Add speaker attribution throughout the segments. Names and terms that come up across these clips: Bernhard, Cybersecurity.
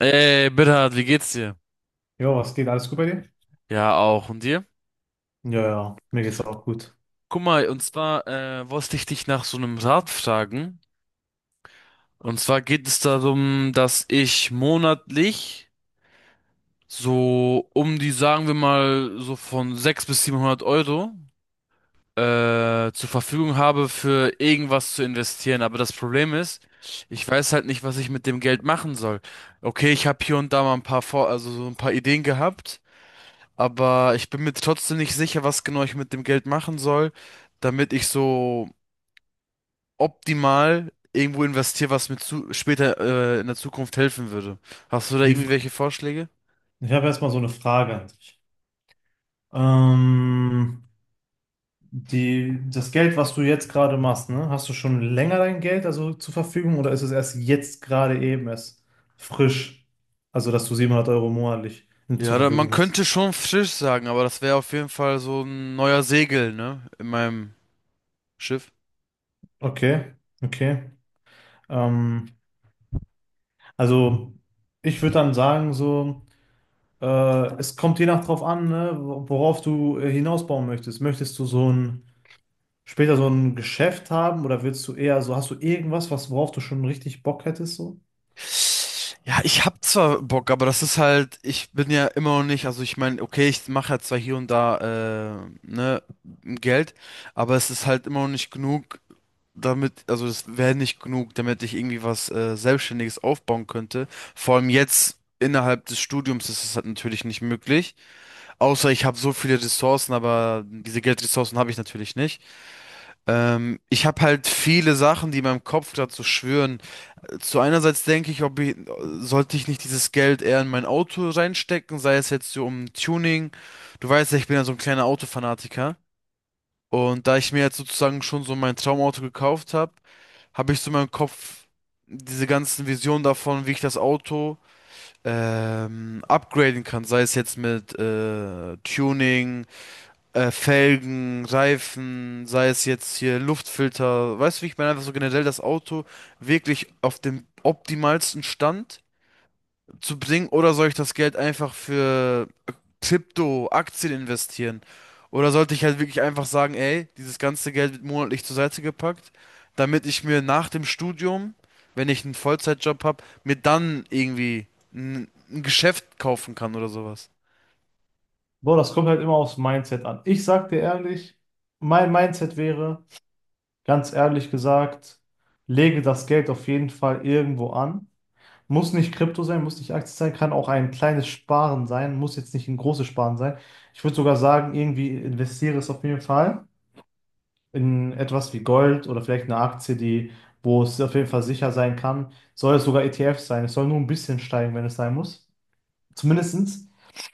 Speaker 1: Ey, Bernhard, wie geht's dir?
Speaker 2: Jo, was geht? Alles gut bei dir?
Speaker 1: Ja, auch. Und dir?
Speaker 2: Ja, mir geht's auch gut.
Speaker 1: Guck mal, und zwar wollte ich dich nach so einem Rat fragen. Und zwar geht es darum, dass ich monatlich so um die, sagen wir mal, so von 600 bis 700 Euro zur Verfügung habe, für irgendwas zu investieren. Aber das Problem ist, ich weiß halt nicht, was ich mit dem Geld machen soll. Okay, ich habe hier und da mal ein paar Vor also so ein paar Ideen gehabt. Aber ich bin mir trotzdem nicht sicher, was genau ich mit dem Geld machen soll, damit ich so optimal irgendwo investiere, was mir zu später in der Zukunft helfen würde. Hast du da
Speaker 2: Die
Speaker 1: irgendwie
Speaker 2: Fra
Speaker 1: welche Vorschläge?
Speaker 2: Ich habe erstmal so eine Frage an dich. Ähm, die, das Geld, was du jetzt gerade machst, ne, hast du schon länger dein Geld also zur Verfügung oder ist es erst jetzt gerade eben erst frisch? Also, dass du 700 Euro monatlich zur
Speaker 1: Ja, da, man
Speaker 2: Verfügung hast.
Speaker 1: könnte schon Fisch sagen, aber das wäre auf jeden Fall so ein neuer Segel, ne? In meinem Schiff.
Speaker 2: Okay, okay. Ähm, also, ich würde dann sagen, so, äh, es kommt je nach drauf an, ne, worauf du hinausbauen möchtest. Möchtest du so ein später so ein Geschäft haben oder willst du eher so, hast du irgendwas, was, worauf du schon richtig Bock hättest so?
Speaker 1: Ja, ich hab zwar Bock, aber das ist halt, ich bin ja immer noch nicht, also ich meine, okay, ich mache ja zwar hier und da, ne, Geld, aber es ist halt immer noch nicht genug, damit, also das wäre nicht genug, damit ich irgendwie was Selbstständiges aufbauen könnte. Vor allem jetzt innerhalb des Studiums ist es halt natürlich nicht möglich. Außer ich habe so viele Ressourcen, aber diese Geldressourcen habe ich natürlich nicht. Ich habe halt viele Sachen, die in meinem Kopf gerade so schwirren. Zu Einerseits denke ich, sollte ich nicht dieses Geld eher in mein Auto reinstecken, sei es jetzt so um Tuning. Du weißt ja, ich bin ja so ein kleiner Autofanatiker. Und da ich mir jetzt sozusagen schon so mein Traumauto gekauft habe, habe ich so in meinem Kopf diese ganzen Visionen davon, wie ich das Auto upgraden kann. Sei es jetzt mit Tuning, Felgen, Reifen, sei es jetzt hier Luftfilter. Weißt du, wie ich meine? Einfach so generell das Auto wirklich auf dem optimalsten Stand zu bringen, oder soll ich das Geld einfach für Krypto, Aktien investieren? Oder sollte ich halt wirklich einfach sagen, ey, dieses ganze Geld wird monatlich zur Seite gepackt, damit ich mir nach dem Studium, wenn ich einen Vollzeitjob habe, mir dann irgendwie ein Geschäft kaufen kann oder sowas.
Speaker 2: Boah, das kommt halt immer aufs Mindset an. Ich sag dir ehrlich, mein Mindset wäre, ganz ehrlich gesagt, lege das Geld auf jeden Fall irgendwo an. Muss nicht Krypto sein, muss nicht Aktie sein, kann auch ein kleines Sparen sein, muss jetzt nicht ein großes Sparen sein. Ich würde sogar sagen, irgendwie investiere es auf jeden Fall in etwas wie Gold oder vielleicht eine Aktie, die, wo es auf jeden Fall sicher sein kann. Soll es sogar ETF sein? Es soll nur ein bisschen steigen, wenn es sein muss. Zumindestens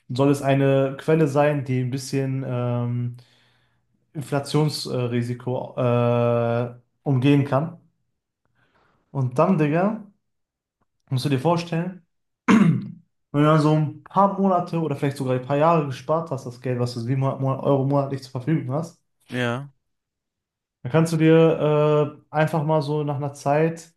Speaker 2: soll es eine Quelle sein, die ein bisschen Inflationsrisiko umgehen kann. Und dann, Digga, musst du dir vorstellen, wenn du dann so ein paar Monate oder vielleicht sogar ein paar Jahre gespart hast, das Geld, was du 700 Euro monatlich zur Verfügung hast,
Speaker 1: Ja,
Speaker 2: dann kannst du dir einfach mal so nach einer Zeit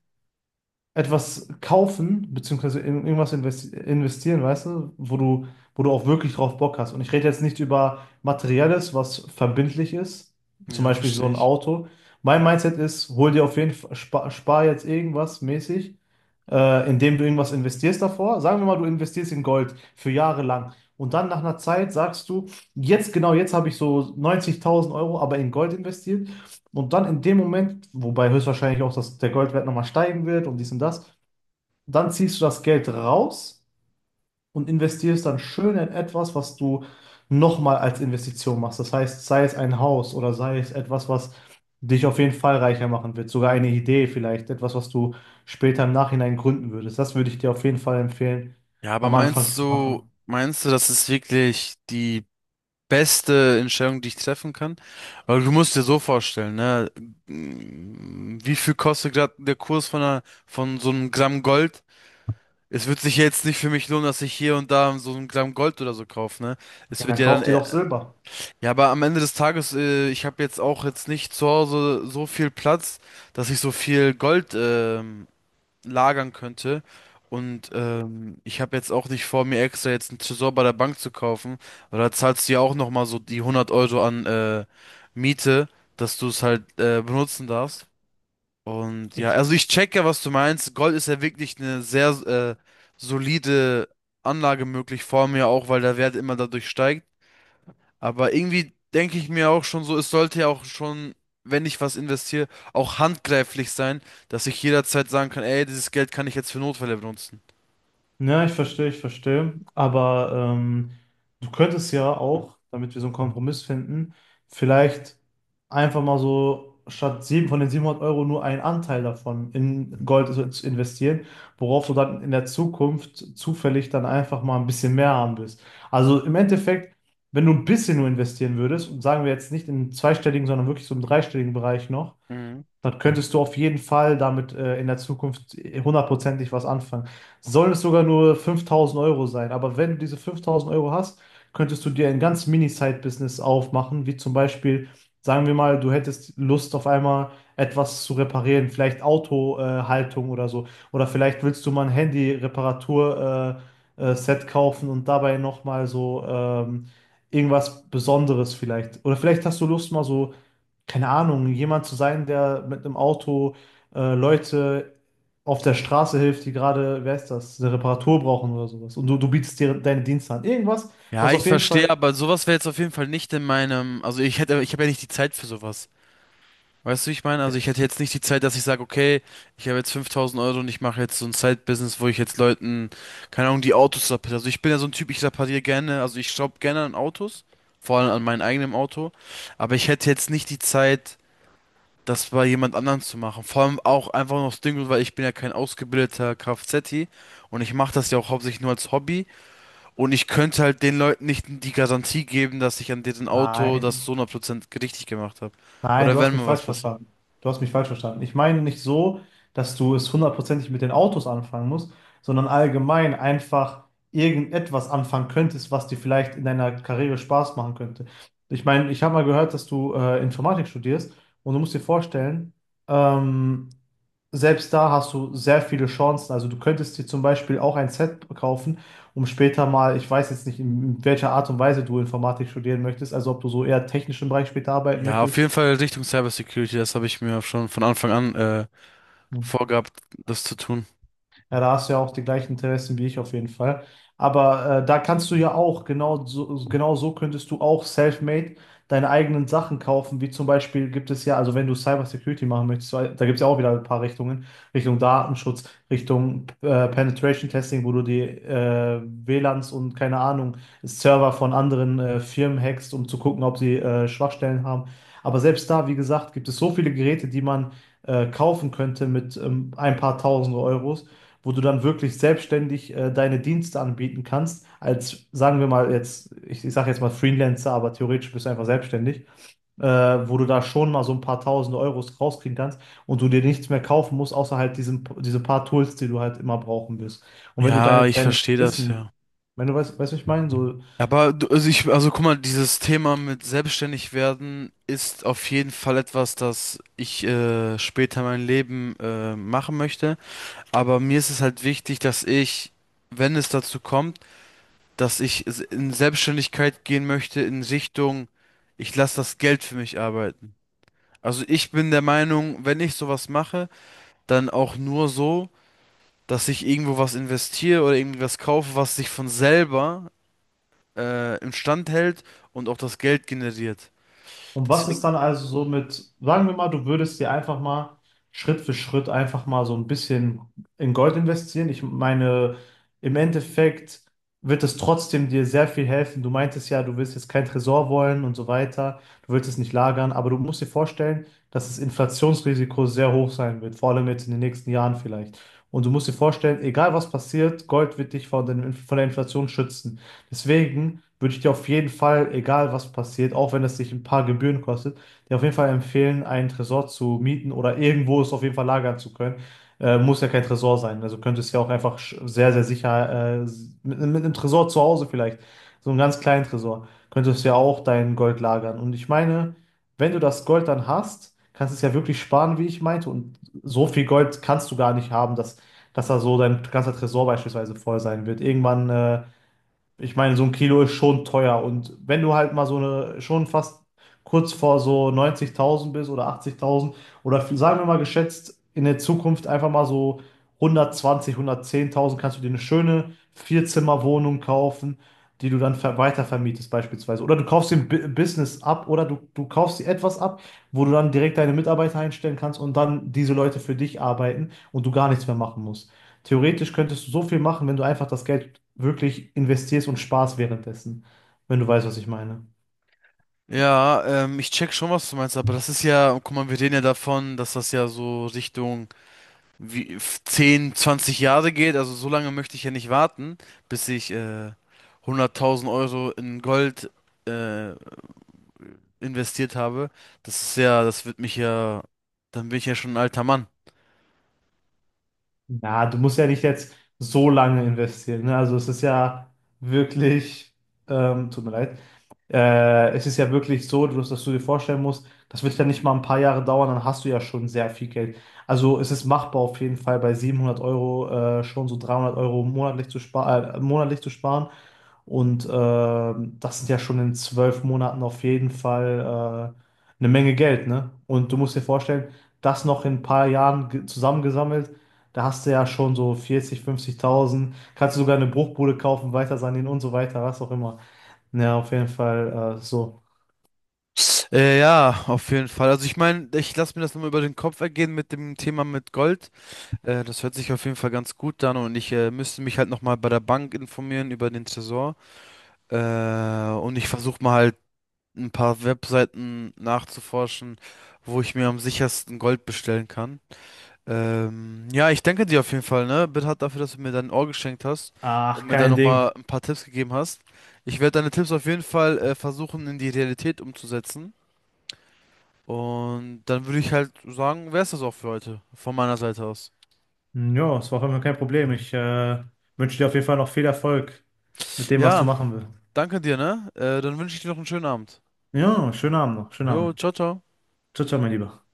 Speaker 2: etwas kaufen, beziehungsweise in irgendwas investieren, weißt du, wo du, wo du auch wirklich drauf Bock hast. Und ich rede jetzt nicht über Materielles, was verbindlich ist, zum
Speaker 1: ja,
Speaker 2: Beispiel so
Speaker 1: verstehe
Speaker 2: ein
Speaker 1: ich.
Speaker 2: Auto. Mein Mindset ist, hol dir auf jeden Fall, spar jetzt irgendwas mäßig, indem du irgendwas investierst davor. Sagen wir mal, du investierst in Gold für Jahre lang. Und dann nach einer Zeit sagst du, jetzt genau, jetzt habe ich so 90.000 Euro, aber in Gold investiert. Und dann in dem Moment, wobei höchstwahrscheinlich auch das, der Goldwert nochmal steigen wird und dies und das, dann ziehst du das Geld raus und investierst dann schön in etwas, was du nochmal als Investition machst. Das heißt, sei es ein Haus oder sei es etwas, was dich auf jeden Fall reicher machen wird, sogar eine Idee vielleicht, etwas, was du später im Nachhinein gründen würdest. Das würde ich dir auf jeden Fall empfehlen,
Speaker 1: Ja, aber
Speaker 2: am Anfang zu machen.
Speaker 1: meinst du, das ist wirklich die beste Entscheidung, die ich treffen kann. Aber du musst dir so vorstellen, ne? Wie viel kostet gerade der Kurs von von so einem Gramm Gold? Es wird sich ja jetzt nicht für mich lohnen, dass ich hier und da so ein Gramm Gold oder so kaufe, ne?
Speaker 2: Ja,
Speaker 1: Es wird
Speaker 2: dann
Speaker 1: ja dann
Speaker 2: kauf dir
Speaker 1: eher...
Speaker 2: doch Silber.
Speaker 1: Ja, aber am Ende des Tages, ich habe jetzt auch jetzt nicht zu Hause so viel Platz, dass ich so viel Gold lagern könnte. Und ich habe jetzt auch nicht vor, mir extra jetzt einen Tresor bei der Bank zu kaufen, weil da zahlst du ja auch nochmal so die 100 Euro an Miete, dass du es halt benutzen darfst. Und ja,
Speaker 2: Ich
Speaker 1: also ich checke, was du meinst. Gold ist ja wirklich eine sehr solide Anlage möglich vor mir auch, weil der Wert immer dadurch steigt. Aber irgendwie denke ich mir auch schon so, es sollte ja auch schon, wenn ich was investiere, auch handgreiflich sein, dass ich jederzeit sagen kann, ey, dieses Geld kann ich jetzt für Notfälle benutzen.
Speaker 2: Ja, ich verstehe. Aber du könntest ja auch, damit wir so einen Kompromiss finden, vielleicht einfach mal so statt sieben von den 700 Euro nur einen Anteil davon in Gold zu investieren, worauf du dann in der Zukunft zufällig dann einfach mal ein bisschen mehr haben wirst. Also im Endeffekt, wenn du ein bisschen nur investieren würdest, und sagen wir jetzt nicht in einen zweistelligen, sondern wirklich so im dreistelligen Bereich noch,
Speaker 1: Mhm.
Speaker 2: dann könntest du auf jeden Fall damit in der Zukunft hundertprozentig was anfangen. Sollen es sogar nur 5000 Euro sein, aber wenn du diese 5000 Euro hast, könntest du dir ein ganz Mini-Side-Business aufmachen, wie zum Beispiel, sagen wir mal, du hättest Lust auf einmal etwas zu reparieren, vielleicht Autohaltung oder so. Oder vielleicht willst du mal ein Handy-Reparatur-Set Set kaufen und dabei nochmal so irgendwas Besonderes vielleicht. Oder vielleicht hast du Lust mal so, keine Ahnung, jemand zu sein, der mit einem Auto Leute auf der Straße hilft, die gerade, wer ist das, eine Reparatur brauchen oder sowas. Und du bietest dir deine Dienste an. Irgendwas,
Speaker 1: Ja,
Speaker 2: was
Speaker 1: ich
Speaker 2: auf jeden
Speaker 1: verstehe,
Speaker 2: Fall.
Speaker 1: aber sowas wäre jetzt auf jeden Fall nicht in meinem, also ich hätte, ich habe ja nicht die Zeit für sowas. Weißt du, wie ich meine? Also ich hätte jetzt nicht die Zeit, dass ich sage, okay, ich habe jetzt 5000 Euro und ich mache jetzt so ein Side-Business, wo ich jetzt Leuten, keine Ahnung, die Autos repariere. Also ich bin ja so ein Typ, ich repariere gerne, also ich schraube gerne an Autos, vor allem an meinem eigenen Auto, aber ich hätte jetzt nicht die Zeit, das bei jemand anderem zu machen. Vor allem auch einfach noch das Ding Grund, weil ich bin ja kein ausgebildeter Kfz-Ti und ich mache das ja auch hauptsächlich nur als Hobby, und ich könnte halt den Leuten nicht die Garantie geben, dass ich an diesem Auto das
Speaker 2: Nein.
Speaker 1: so 100% richtig gemacht habe.
Speaker 2: Nein, du
Speaker 1: Oder
Speaker 2: hast
Speaker 1: wenn
Speaker 2: mich
Speaker 1: mal was
Speaker 2: falsch
Speaker 1: passiert.
Speaker 2: verstanden. Du hast mich falsch verstanden. Ich meine nicht so, dass du es hundertprozentig mit den Autos anfangen musst, sondern allgemein einfach irgendetwas anfangen könntest, was dir vielleicht in deiner Karriere Spaß machen könnte. Ich meine, ich habe mal gehört, dass du Informatik studierst und du musst dir vorstellen, ähm, selbst da hast du sehr viele Chancen. Also du könntest dir zum Beispiel auch ein Set kaufen, um später mal, ich weiß jetzt nicht, in welcher Art und Weise du Informatik studieren möchtest, also ob du so eher technischen Bereich später arbeiten
Speaker 1: Ja, auf
Speaker 2: möchtest.
Speaker 1: jeden Fall Richtung Cybersecurity, das habe ich mir schon von Anfang an
Speaker 2: Ja.
Speaker 1: vorgehabt, das zu tun.
Speaker 2: Ja, da hast du ja auch die gleichen Interessen wie ich auf jeden Fall. Aber da kannst du ja auch, genau so, genau so könntest du auch self-made deine eigenen Sachen kaufen, wie zum Beispiel gibt es ja, also wenn du Cybersecurity machen möchtest, weil da gibt es ja auch wieder ein paar Richtungen, Richtung Datenschutz, Richtung Penetration Testing, wo du die WLANs und keine Ahnung, Server von anderen Firmen hackst, um zu gucken, ob sie Schwachstellen haben. Aber selbst da, wie gesagt, gibt es so viele Geräte, die man kaufen könnte mit ein paar tausend Euros, wo du dann wirklich selbstständig deine Dienste anbieten kannst, als, sagen wir mal jetzt, ich sage jetzt mal Freelancer, aber theoretisch bist du einfach selbstständig, wo du da schon mal so ein paar tausend Euros rauskriegen kannst und du dir nichts mehr kaufen musst, außer halt diesen, diese paar Tools, die du halt immer brauchen wirst. Und wenn du
Speaker 1: Ja,
Speaker 2: deine,
Speaker 1: ich
Speaker 2: dein
Speaker 1: verstehe das,
Speaker 2: Wissen,
Speaker 1: ja.
Speaker 2: wenn du weißt, was ich meine, so.
Speaker 1: Aber also also guck mal, dieses Thema mit selbstständig werden ist auf jeden Fall etwas, das ich später mein Leben machen möchte. Aber mir ist es halt wichtig, dass ich, wenn es dazu kommt, dass ich in Selbstständigkeit gehen möchte in Richtung, ich lasse das Geld für mich arbeiten. Also ich bin der Meinung, wenn ich sowas mache, dann auch nur so, dass ich irgendwo was investiere oder irgendwie was kaufe, was sich von selber instand hält und auch das Geld generiert.
Speaker 2: Und was ist
Speaker 1: Deswegen,
Speaker 2: dann also so mit, sagen wir mal, du würdest dir einfach mal Schritt für Schritt einfach mal so ein bisschen in Gold investieren. Ich meine, im Endeffekt wird es trotzdem dir sehr viel helfen. Du meintest ja, du willst jetzt kein Tresor wollen und so weiter. Du willst es nicht lagern, aber du musst dir vorstellen, dass das Inflationsrisiko sehr hoch sein wird, vor allem jetzt in den nächsten Jahren vielleicht. Und du musst dir vorstellen, egal was passiert, Gold wird dich von den, von der Inflation schützen. Deswegen würde ich dir auf jeden Fall, egal was passiert, auch wenn es dich ein paar Gebühren kostet, dir auf jeden Fall empfehlen, einen Tresor zu mieten oder irgendwo es auf jeden Fall lagern zu können. Muss ja kein Tresor sein. Also könntest ja auch einfach sehr, sehr sicher mit einem Tresor zu Hause vielleicht, so einem ganz kleinen Tresor, könntest ja auch dein Gold lagern. Und ich meine, wenn du das Gold dann hast, kannst du es ja wirklich sparen, wie ich meinte. Und so viel Gold kannst du gar nicht haben, dass, dass da so dein ganzer Tresor beispielsweise voll sein wird. Irgendwann. Ich meine, so ein Kilo ist schon teuer. Und wenn du halt mal so eine, schon fast kurz vor so 90.000 bist oder 80.000 oder sagen wir mal geschätzt in der Zukunft einfach mal so 120, 110.000, kannst du dir eine schöne Vierzimmerwohnung kaufen, die du dann ver weitervermietest beispielsweise. Oder du kaufst dir ein Business ab oder du kaufst dir etwas ab, wo du dann direkt deine Mitarbeiter einstellen kannst und dann diese Leute für dich arbeiten und du gar nichts mehr machen musst. Theoretisch könntest du so viel machen, wenn du einfach das Geld wirklich investierst und sparst währenddessen, wenn du weißt, was ich meine.
Speaker 1: ja, ich check schon, was du meinst, aber das ist ja, guck mal, wir reden ja davon, dass das ja so Richtung 10, 20 Jahre geht. Also so lange möchte ich ja nicht warten, bis ich 100.000 Euro in Gold äh, investiert habe. Das ist ja, das wird mich ja, dann bin ich ja schon ein alter Mann.
Speaker 2: Ja, du musst ja nicht jetzt so lange investieren, ne? Also es ist ja wirklich, tut mir leid, es ist ja wirklich so, dass, dass du dir vorstellen musst, das wird ja nicht mal ein paar Jahre dauern, dann hast du ja schon sehr viel Geld. Also es ist machbar auf jeden Fall bei 700 Euro schon so 300 Euro monatlich zu sparen, Und das sind ja schon in 12 Monaten auf jeden Fall eine Menge Geld, ne? Und du musst dir vorstellen, das noch in ein paar Jahren zusammengesammelt, da hast du ja schon so 40, 50.000, kannst du sogar eine Bruchbude kaufen, weiter sanieren und so weiter, was auch immer. Ja, auf jeden Fall so.
Speaker 1: Ja, auf jeden Fall. Also ich meine, ich lasse mir das nochmal über den Kopf ergehen mit dem Thema mit Gold. Das hört sich auf jeden Fall ganz gut an, und ich müsste mich halt nochmal bei der Bank informieren über den Tresor. Äh, und ich versuche mal halt ein paar Webseiten nachzuforschen, wo ich mir am sichersten Gold bestellen kann. Ja, ich danke dir auf jeden Fall, ne? Bitte dafür, dass du mir dein Ohr geschenkt hast und
Speaker 2: Ach,
Speaker 1: mir da
Speaker 2: kein
Speaker 1: nochmal
Speaker 2: Ding.
Speaker 1: ein paar Tipps gegeben hast. Ich werde deine Tipps auf jeden Fall versuchen, in die Realität umzusetzen. Und dann würde ich halt sagen, wäre es das auch für heute, von meiner Seite aus.
Speaker 2: Ja, es war auf jeden Fall kein Problem. Ich wünsche dir auf jeden Fall noch viel Erfolg mit dem, was du
Speaker 1: Ja.
Speaker 2: machen willst.
Speaker 1: Danke dir, ne? Dann wünsche ich dir noch einen schönen Abend.
Speaker 2: Ja, schönen Abend noch, schönen
Speaker 1: Jo,
Speaker 2: Abend.
Speaker 1: ciao, ciao.
Speaker 2: Ciao, ciao, mein Lieber.